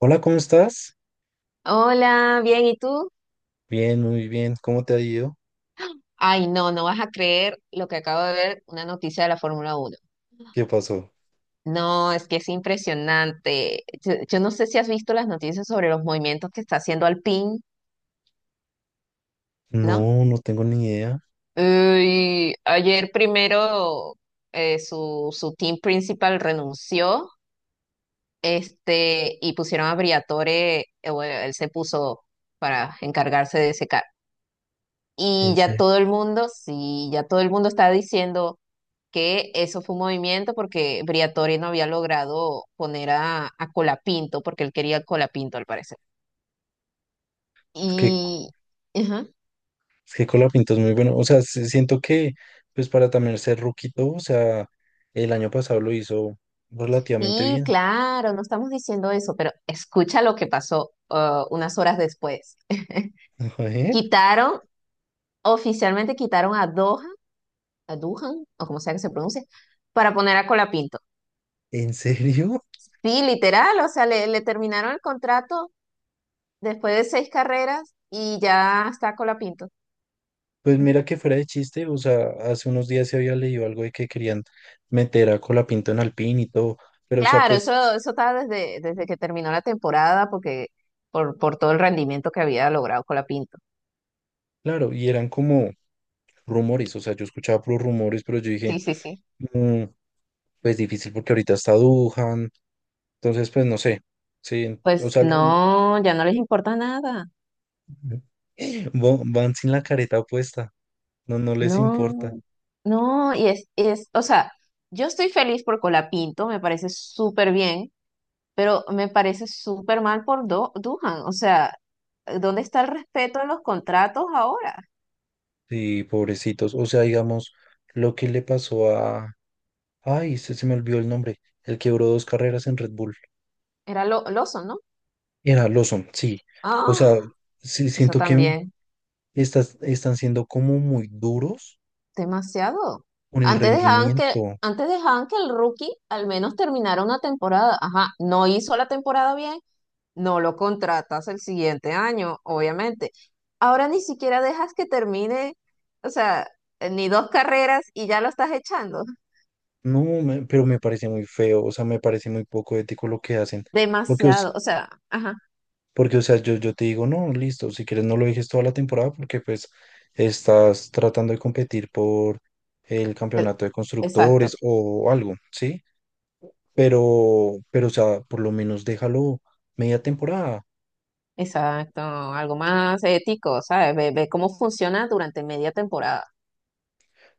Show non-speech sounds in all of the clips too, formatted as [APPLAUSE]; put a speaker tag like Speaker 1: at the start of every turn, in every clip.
Speaker 1: Hola, ¿cómo estás?
Speaker 2: Hola, bien, ¿y tú?
Speaker 1: Bien, muy bien. ¿Cómo te ha ido?
Speaker 2: Ay, no, no vas a creer lo que acabo de ver, una noticia de la Fórmula Uno.
Speaker 1: ¿Qué pasó?
Speaker 2: No, es que es impresionante. Yo no sé si has visto las noticias sobre los movimientos que está haciendo Alpine, ¿no?
Speaker 1: No, no tengo ni idea.
Speaker 2: Uy, ayer primero su team principal renunció, y pusieron a Briatore, bueno, él se puso para encargarse de ese carro. Y
Speaker 1: En
Speaker 2: ya
Speaker 1: serio.
Speaker 2: todo el mundo, sí, ya todo el mundo está diciendo que eso fue un movimiento porque Briatore no había logrado poner a Colapinto, porque él quería a Colapinto al parecer.
Speaker 1: Es que,
Speaker 2: Y, ajá.
Speaker 1: es que Colapinto es muy bueno. O sea, sí siento que, pues para también ser ruquito, o sea, el año pasado lo hizo relativamente
Speaker 2: Sí,
Speaker 1: bien.
Speaker 2: claro, no estamos diciendo eso, pero escucha lo que pasó unas horas después.
Speaker 1: [LAUGHS] Joder,
Speaker 2: Quitaron, Oficialmente quitaron a Doha, a Duhan, o como sea que se pronuncie, para poner a Colapinto.
Speaker 1: ¿en serio?
Speaker 2: Sí, literal, o sea, le terminaron el contrato después de seis carreras y ya está Colapinto.
Speaker 1: Pues mira que fuera de chiste, o sea, hace unos días se había leído algo de que querían meter a Colapinto en Alpine y todo, pero o sea,
Speaker 2: Claro, eso,
Speaker 1: pues,
Speaker 2: eso estaba desde que terminó la temporada, porque por todo el rendimiento que había logrado con la Pinto.
Speaker 1: claro, y eran como rumores, o sea, yo escuchaba puros rumores, pero yo dije...
Speaker 2: Sí, sí, sí.
Speaker 1: "Mm, pues difícil porque ahorita está Dujan, entonces pues no sé, sí, o
Speaker 2: Pues
Speaker 1: sea,
Speaker 2: no, ya no les importa nada.
Speaker 1: van sin la careta puesta, no les importa,
Speaker 2: No, no, y es, o sea, yo estoy feliz por Colapinto, me parece súper bien, pero me parece súper mal por Duhan. O sea, ¿dónde está el respeto en los contratos ahora?
Speaker 1: sí, pobrecitos, o sea, digamos, lo que le pasó a, ay, se me olvidó el nombre, el quebró dos carreras en Red Bull,
Speaker 2: Era Lawson, ¿no?
Speaker 1: era Lawson, sí, o sea,
Speaker 2: Ah,
Speaker 1: sí,
Speaker 2: eso
Speaker 1: siento que
Speaker 2: también.
Speaker 1: están siendo como muy duros
Speaker 2: Demasiado.
Speaker 1: con el
Speaker 2: Antes dejaban que,
Speaker 1: rendimiento,
Speaker 2: antes dejaban que el rookie al menos terminara una temporada. Ajá, no hizo la temporada bien, no lo contratas el siguiente año, obviamente. Ahora ni siquiera dejas que termine, o sea, ni dos carreras y ya lo estás echando.
Speaker 1: no, pero me parece muy feo, o sea, me parece muy poco ético lo que hacen. Porque, o
Speaker 2: Demasiado, o sea, ajá,
Speaker 1: porque, o sea, yo te digo, no, listo, si quieres no lo dejes toda la temporada porque pues estás tratando de competir por el
Speaker 2: e-
Speaker 1: campeonato de constructores
Speaker 2: exacto,
Speaker 1: o algo, ¿sí? Pero, o sea, por lo menos déjalo media temporada,
Speaker 2: exacto. Algo más ético, ¿sabes? Ve, ve cómo funciona durante media temporada.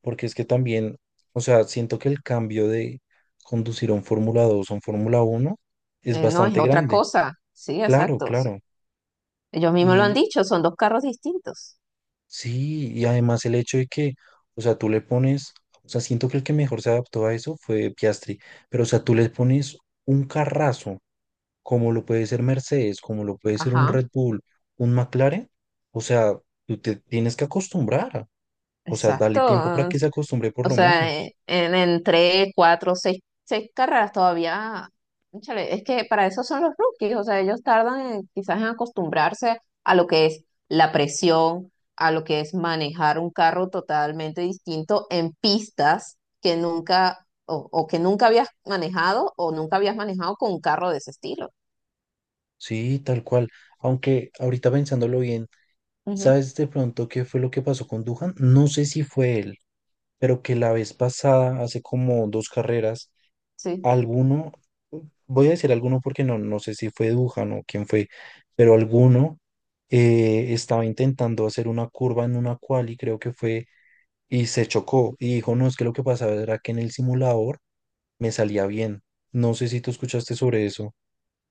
Speaker 1: porque es que también, o sea, siento que el cambio de conducir a un Fórmula 2 o un Fórmula uno es
Speaker 2: No es
Speaker 1: bastante
Speaker 2: otra
Speaker 1: grande,
Speaker 2: cosa. Sí,
Speaker 1: claro,
Speaker 2: exacto.
Speaker 1: claro.
Speaker 2: Ellos mismos lo han
Speaker 1: Y
Speaker 2: dicho, son dos carros distintos.
Speaker 1: sí, y además el hecho de que, o sea, tú le pones, o sea, siento que el que mejor se adaptó a eso fue Piastri, pero o sea, tú le pones un carrazo, como lo puede ser Mercedes, como lo puede ser un
Speaker 2: Ajá.
Speaker 1: Red Bull, un McLaren, o sea, tú te tienes que acostumbrar, o sea, dale
Speaker 2: Exacto.
Speaker 1: tiempo para que se acostumbre por
Speaker 2: O
Speaker 1: lo
Speaker 2: sea,
Speaker 1: menos.
Speaker 2: en tres, cuatro, seis carreras todavía. Cónchale, es que para eso son los rookies. O sea, ellos tardan quizás en acostumbrarse a lo que es la presión, a lo que es manejar un carro totalmente distinto en pistas que nunca o que nunca habías manejado o nunca habías manejado con un carro de ese estilo.
Speaker 1: Sí, tal cual. Aunque ahorita pensándolo bien,
Speaker 2: Ujú,
Speaker 1: ¿sabes de pronto qué fue lo que pasó con Duhan? No sé si fue él, pero que la vez pasada, hace como dos carreras,
Speaker 2: sí.
Speaker 1: alguno, voy a decir alguno porque no, no sé si fue Dujan o quién fue, pero alguno estaba intentando hacer una curva en una quali, creo que fue, y se chocó y dijo, no, es que lo que pasaba era que en el simulador me salía bien. No sé si tú escuchaste sobre eso.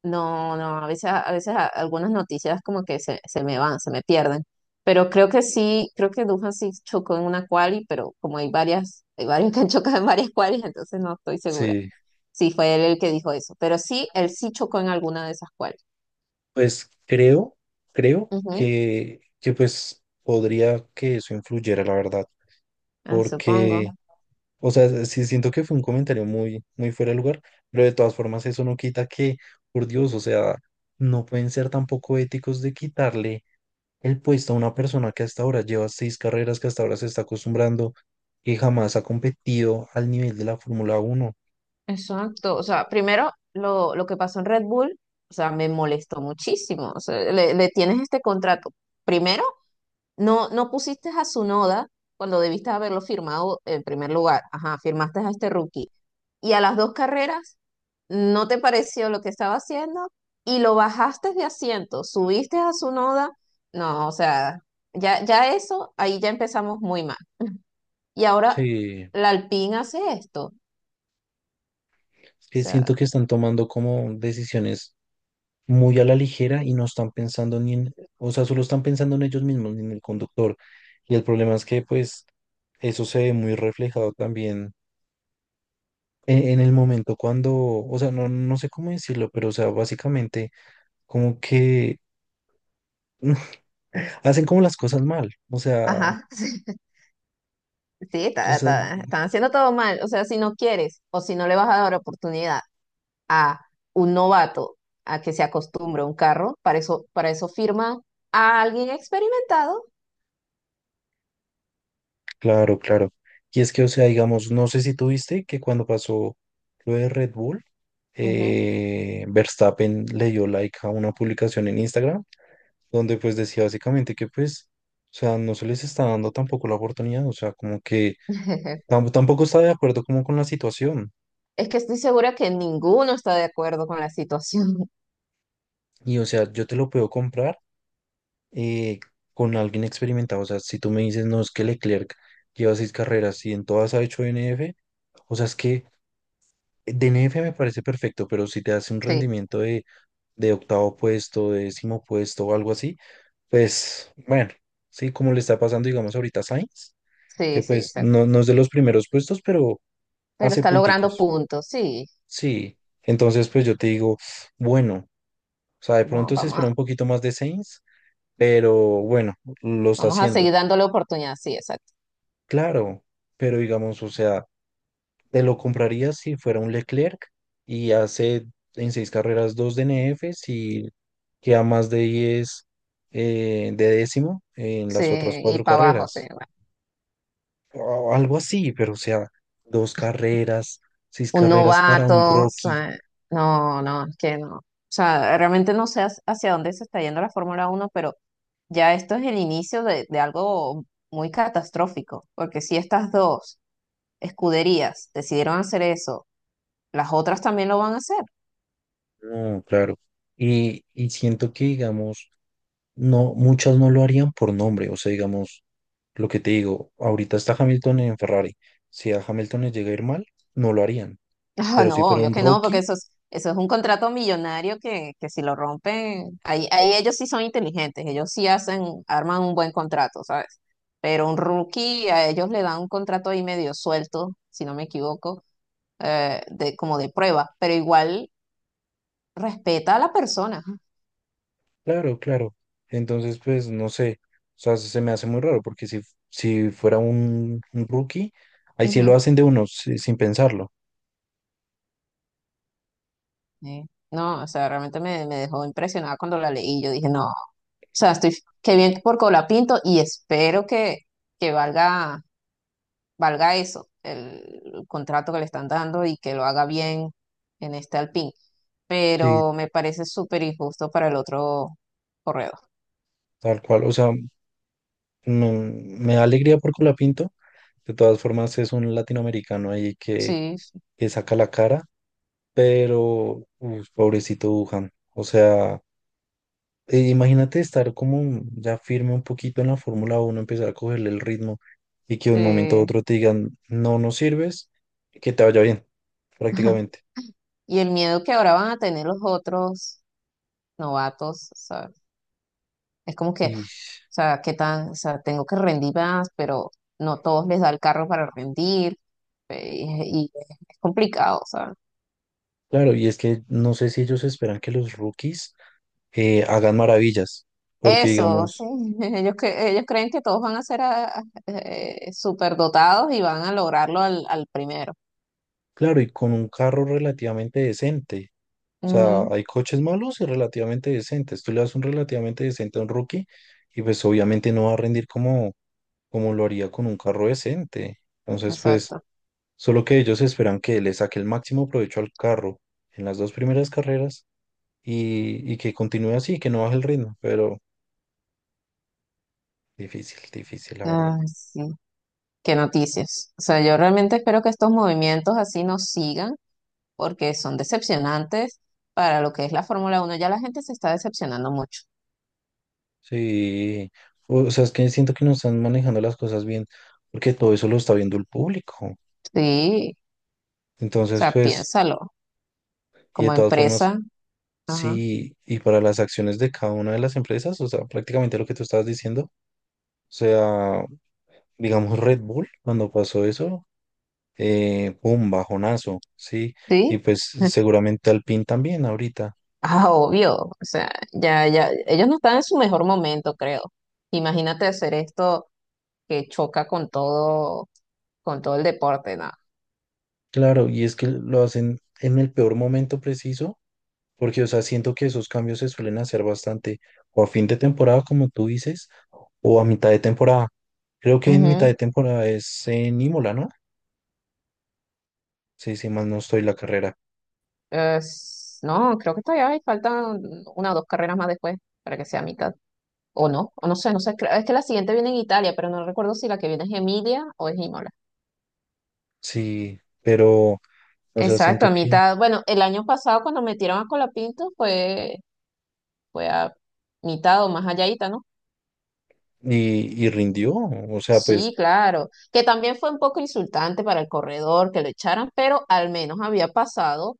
Speaker 2: No, no, a veces algunas noticias como que se me van, se me pierden. Pero creo que sí, creo que Duhan sí chocó en una quali, pero como hay varias, hay varios [LAUGHS] que han chocado en varias qualis, entonces no estoy segura.
Speaker 1: Sí,
Speaker 2: Sí, fue él el que dijo eso. Pero sí, él sí chocó en alguna de esas qualis.
Speaker 1: pues creo, creo
Speaker 2: Ujú,
Speaker 1: que pues podría que eso influyera, la verdad, porque...
Speaker 2: supongo.
Speaker 1: O sea, sí siento que fue un comentario muy fuera de lugar, pero de todas formas eso no quita que, por Dios, o sea, no pueden ser tampoco éticos de quitarle el puesto a una persona que hasta ahora lleva seis carreras, que hasta ahora se está acostumbrando, que jamás ha competido al nivel de la Fórmula Uno.
Speaker 2: Exacto. O sea, primero lo que pasó en Red Bull, o sea, me molestó muchísimo. O sea, le tienes este contrato. Primero, no, no pusiste a Sunoda cuando debiste haberlo firmado en primer lugar. Ajá, firmaste a este rookie. Y a las dos carreras no te pareció lo que estaba haciendo y lo bajaste de asiento, subiste a Sunoda. No, o sea, ya eso, ahí ya empezamos muy mal. [LAUGHS] Y ahora
Speaker 1: Sí,
Speaker 2: la Alpine hace esto. O
Speaker 1: es que
Speaker 2: sea,
Speaker 1: siento que están tomando como decisiones muy a la ligera y no están pensando ni en, o sea, solo están pensando en ellos mismos, ni en el conductor. Y el problema es que, pues, eso se ve muy reflejado también en el momento cuando, o sea, no, no sé cómo decirlo, pero, o sea, básicamente como que [LAUGHS] hacen como las cosas mal, o sea,
Speaker 2: ajá, [LAUGHS] sí,
Speaker 1: entonces,
Speaker 2: están haciendo todo mal. O sea, si no quieres o si no le vas a dar oportunidad a un novato a que se acostumbre a un carro, para eso firma a alguien experimentado.
Speaker 1: claro, claro. Y es que, o sea, digamos, no sé si tuviste que cuando pasó lo de Red Bull,
Speaker 2: Ujú.
Speaker 1: Verstappen le dio like a una publicación en Instagram donde pues decía básicamente que pues, o sea, no se les está dando tampoco la oportunidad, o sea, como que
Speaker 2: [LAUGHS]
Speaker 1: tampoco está de acuerdo como con la situación.
Speaker 2: Es que estoy segura que ninguno está de acuerdo con la situación. [LAUGHS]
Speaker 1: Y, o sea, yo te lo puedo comprar eh, con alguien experimentado. O sea, si tú me dices, no, es que Leclerc lleva seis carreras y en todas ha hecho DNF, o sea, es que DNF me parece perfecto, pero si te hace un
Speaker 2: Sí,
Speaker 1: rendimiento de octavo puesto, de décimo puesto o algo así, pues bueno, sí, como le está pasando, digamos, ahorita a Sainz,
Speaker 2: sí,
Speaker 1: que
Speaker 2: sí,
Speaker 1: pues
Speaker 2: exacto.
Speaker 1: no, no es de los primeros puestos, pero
Speaker 2: Pero
Speaker 1: hace
Speaker 2: está logrando
Speaker 1: punticos.
Speaker 2: puntos, sí.
Speaker 1: Sí, entonces pues yo te digo, bueno, o sea, de
Speaker 2: Vamos,
Speaker 1: pronto se
Speaker 2: vamos
Speaker 1: espera
Speaker 2: a,
Speaker 1: un poquito más de Sainz, pero bueno, lo está
Speaker 2: Vamos a
Speaker 1: haciendo.
Speaker 2: seguir dándole oportunidad, sí, exacto.
Speaker 1: Claro, pero digamos, o sea, te lo comprarías si fuera un Leclerc y hace en seis carreras dos DNFs y queda más de 10 de décimo en
Speaker 2: Sí,
Speaker 1: las otras
Speaker 2: y
Speaker 1: cuatro
Speaker 2: para abajo, sí.
Speaker 1: carreras. O algo así, pero o sea, dos carreras, seis
Speaker 2: Un
Speaker 1: carreras para un
Speaker 2: novato, o
Speaker 1: Rocky.
Speaker 2: sea, no, no, es que no. O sea, realmente no sé hacia dónde se está yendo la Fórmula Uno, pero ya esto es el inicio de algo muy catastrófico, porque si estas dos escuderías decidieron hacer eso, las otras también lo van a hacer.
Speaker 1: No, claro. Y siento que, digamos, no, muchas no lo harían por nombre. O sea, digamos, lo que te digo, ahorita está Hamilton en Ferrari. Si a Hamilton le llega a ir mal, no lo harían.
Speaker 2: Ah,
Speaker 1: Pero
Speaker 2: no,
Speaker 1: si fuera
Speaker 2: obvio
Speaker 1: un
Speaker 2: que no, porque
Speaker 1: Rocky,
Speaker 2: eso es un contrato millonario que si lo rompen, ahí ellos sí son inteligentes, ellos sí hacen, arman un buen contrato, ¿sabes? Pero un rookie a ellos le dan un contrato ahí medio suelto, si no me equivoco, como de prueba, pero igual respeta a la persona.
Speaker 1: claro, claro. Entonces, pues, no sé. O sea, se me hace muy raro porque si, si fuera un rookie, ahí sí lo
Speaker 2: Ujú.
Speaker 1: hacen de uno, sin pensarlo.
Speaker 2: Sí. No, o sea, realmente me dejó impresionada cuando la leí. Yo dije, no, o sea, qué bien por Colapinto y espero que valga eso, el contrato que le están dando y que lo haga bien en este Alpine.
Speaker 1: Sí,
Speaker 2: Pero me parece súper injusto para el otro corredor.
Speaker 1: tal cual. O sea, me da alegría por Colapinto. De todas formas, es un latinoamericano ahí
Speaker 2: Sí, sí,
Speaker 1: que saca la cara. Pero, uf, pobrecito Wuhan. O sea, imagínate estar como ya firme un poquito en la Fórmula uno, empezar a cogerle el ritmo y que de un momento a
Speaker 2: sí.
Speaker 1: otro te digan, no, no sirves, que te vaya bien,
Speaker 2: [LAUGHS]
Speaker 1: prácticamente.
Speaker 2: Y el miedo que ahora van a tener los otros novatos, ¿sabes? Es como que, o
Speaker 1: Y
Speaker 2: sea, ¿qué tan, o sea, tengo que rendir más, pero no todos les da el carro para rendir, y es complicado, ¿sabes?
Speaker 1: claro, y es que no sé si ellos esperan que los rookies hagan maravillas, porque
Speaker 2: Eso, sí.
Speaker 1: digamos,
Speaker 2: [LAUGHS] Ellos creen que todos van a ser superdotados y van a lograrlo al primero.
Speaker 1: claro, y con un carro relativamente decente, o sea,
Speaker 2: Mm,
Speaker 1: hay coches malos y relativamente decentes. Tú le das un relativamente decente a un rookie y pues obviamente no va a rendir como, como lo haría con un carro decente. Entonces, pues,
Speaker 2: exacto.
Speaker 1: solo que ellos esperan que le saque el máximo provecho al carro en las dos primeras carreras y que continúe así, que no baje el ritmo, pero difícil, difícil, la verdad.
Speaker 2: Ah, sí. Qué noticias. O sea, yo realmente espero que estos movimientos así nos sigan porque son decepcionantes para lo que es la Fórmula Uno. Ya la gente se está decepcionando mucho.
Speaker 1: Sí, o sea, es que siento que no están manejando las cosas bien, porque todo eso lo está viendo el público.
Speaker 2: Sí. O
Speaker 1: Entonces,
Speaker 2: sea,
Speaker 1: pues,
Speaker 2: piénsalo.
Speaker 1: y de
Speaker 2: Como
Speaker 1: todas formas,
Speaker 2: empresa. Ajá.
Speaker 1: sí, y para las acciones de cada una de las empresas, o sea, prácticamente lo que tú estabas diciendo, o sea, digamos Red Bull, cuando pasó eso, un bajonazo, ¿sí? Y
Speaker 2: Sí.
Speaker 1: pues
Speaker 2: [LAUGHS]
Speaker 1: seguramente al también ahorita.
Speaker 2: Ah, obvio, o sea, ellos no están en su mejor momento, creo. Imagínate hacer esto que choca con todo el deporte, nada.
Speaker 1: Claro, y es que lo hacen en el peor momento preciso, porque, o sea, siento que esos cambios se suelen hacer bastante o a fin de temporada, como tú dices, o a mitad de temporada. Creo que en mitad
Speaker 2: Ujú.
Speaker 1: de temporada es en Imola, ¿no? Sí, sí, más no estoy la carrera.
Speaker 2: No, creo que todavía hay, faltan una o dos carreras más después para que sea mitad. O no sé. Es que la siguiente viene en Italia, pero no recuerdo si la que viene es Emilia o es Imola.
Speaker 1: Sí, pero, o sea,
Speaker 2: Exacto,
Speaker 1: siento
Speaker 2: a
Speaker 1: que...
Speaker 2: mitad. Bueno, el año pasado cuando metieron a Colapinto fue, fue a mitad o más allá, ¿no?
Speaker 1: Y, y rindió, o sea, pues
Speaker 2: Sí, claro, que también fue un poco insultante para el corredor que lo echaran, pero al menos había pasado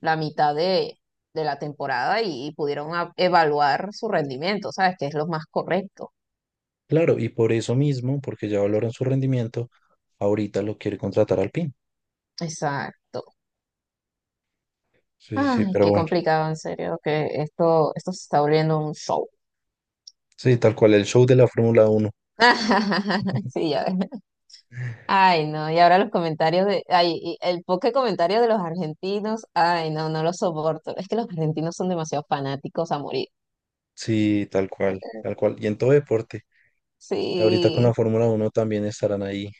Speaker 2: la mitad de la temporada y pudieron evaluar su rendimiento, ¿sabes? Que es lo más correcto.
Speaker 1: claro, y por eso mismo, porque ya valoran su rendimiento, ahorita lo quiere contratar al...
Speaker 2: Exacto.
Speaker 1: Sí, sí, sí,
Speaker 2: Ay,
Speaker 1: pero
Speaker 2: qué
Speaker 1: bueno.
Speaker 2: complicado, en serio, que esto se está volviendo un show.
Speaker 1: Sí, tal cual, el show de la Fórmula Uno,
Speaker 2: [LAUGHS] Sí, ya. Ay, no, y ahora los comentarios de, ay, y el poco comentario de los argentinos, ay, no, no lo soporto. Es que los argentinos son demasiado fanáticos a morir.
Speaker 1: sí, tal cual, tal cual. Y en todo deporte. Ahorita con la
Speaker 2: Sí.
Speaker 1: Fórmula Uno también estarán ahí.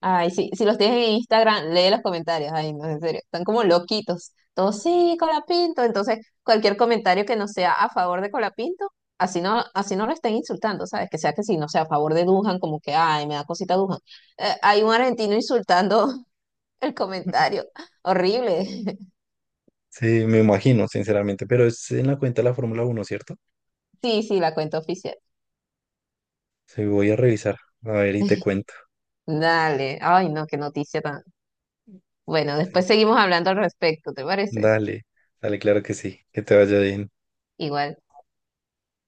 Speaker 2: Ay, sí, si los tienes en Instagram, lee los comentarios. Ay, no, en serio, están como loquitos. Todos, sí, Colapinto. Entonces, cualquier comentario que no sea a favor de Colapinto, así no lo estén insultando, ¿sabes? Que sea que sí no sea a favor de Dujan, como que, ay, me da cosita Dujan. Hay un argentino insultando [LAUGHS] el
Speaker 1: [LAUGHS]
Speaker 2: comentario. Horrible. [LAUGHS]
Speaker 1: Sí, me imagino, sinceramente. Pero es en la cuenta de la Fórmula Uno, ¿cierto?
Speaker 2: Sí, sí, la cuenta oficial.
Speaker 1: Sí, voy a revisar. A ver, y te
Speaker 2: [LAUGHS]
Speaker 1: cuento.
Speaker 2: Dale. Ay, no, qué noticia tan. Bueno,
Speaker 1: Sí.
Speaker 2: después seguimos hablando al respecto, ¿te parece?
Speaker 1: Dale, dale, claro que sí. Que te vaya bien.
Speaker 2: Igual.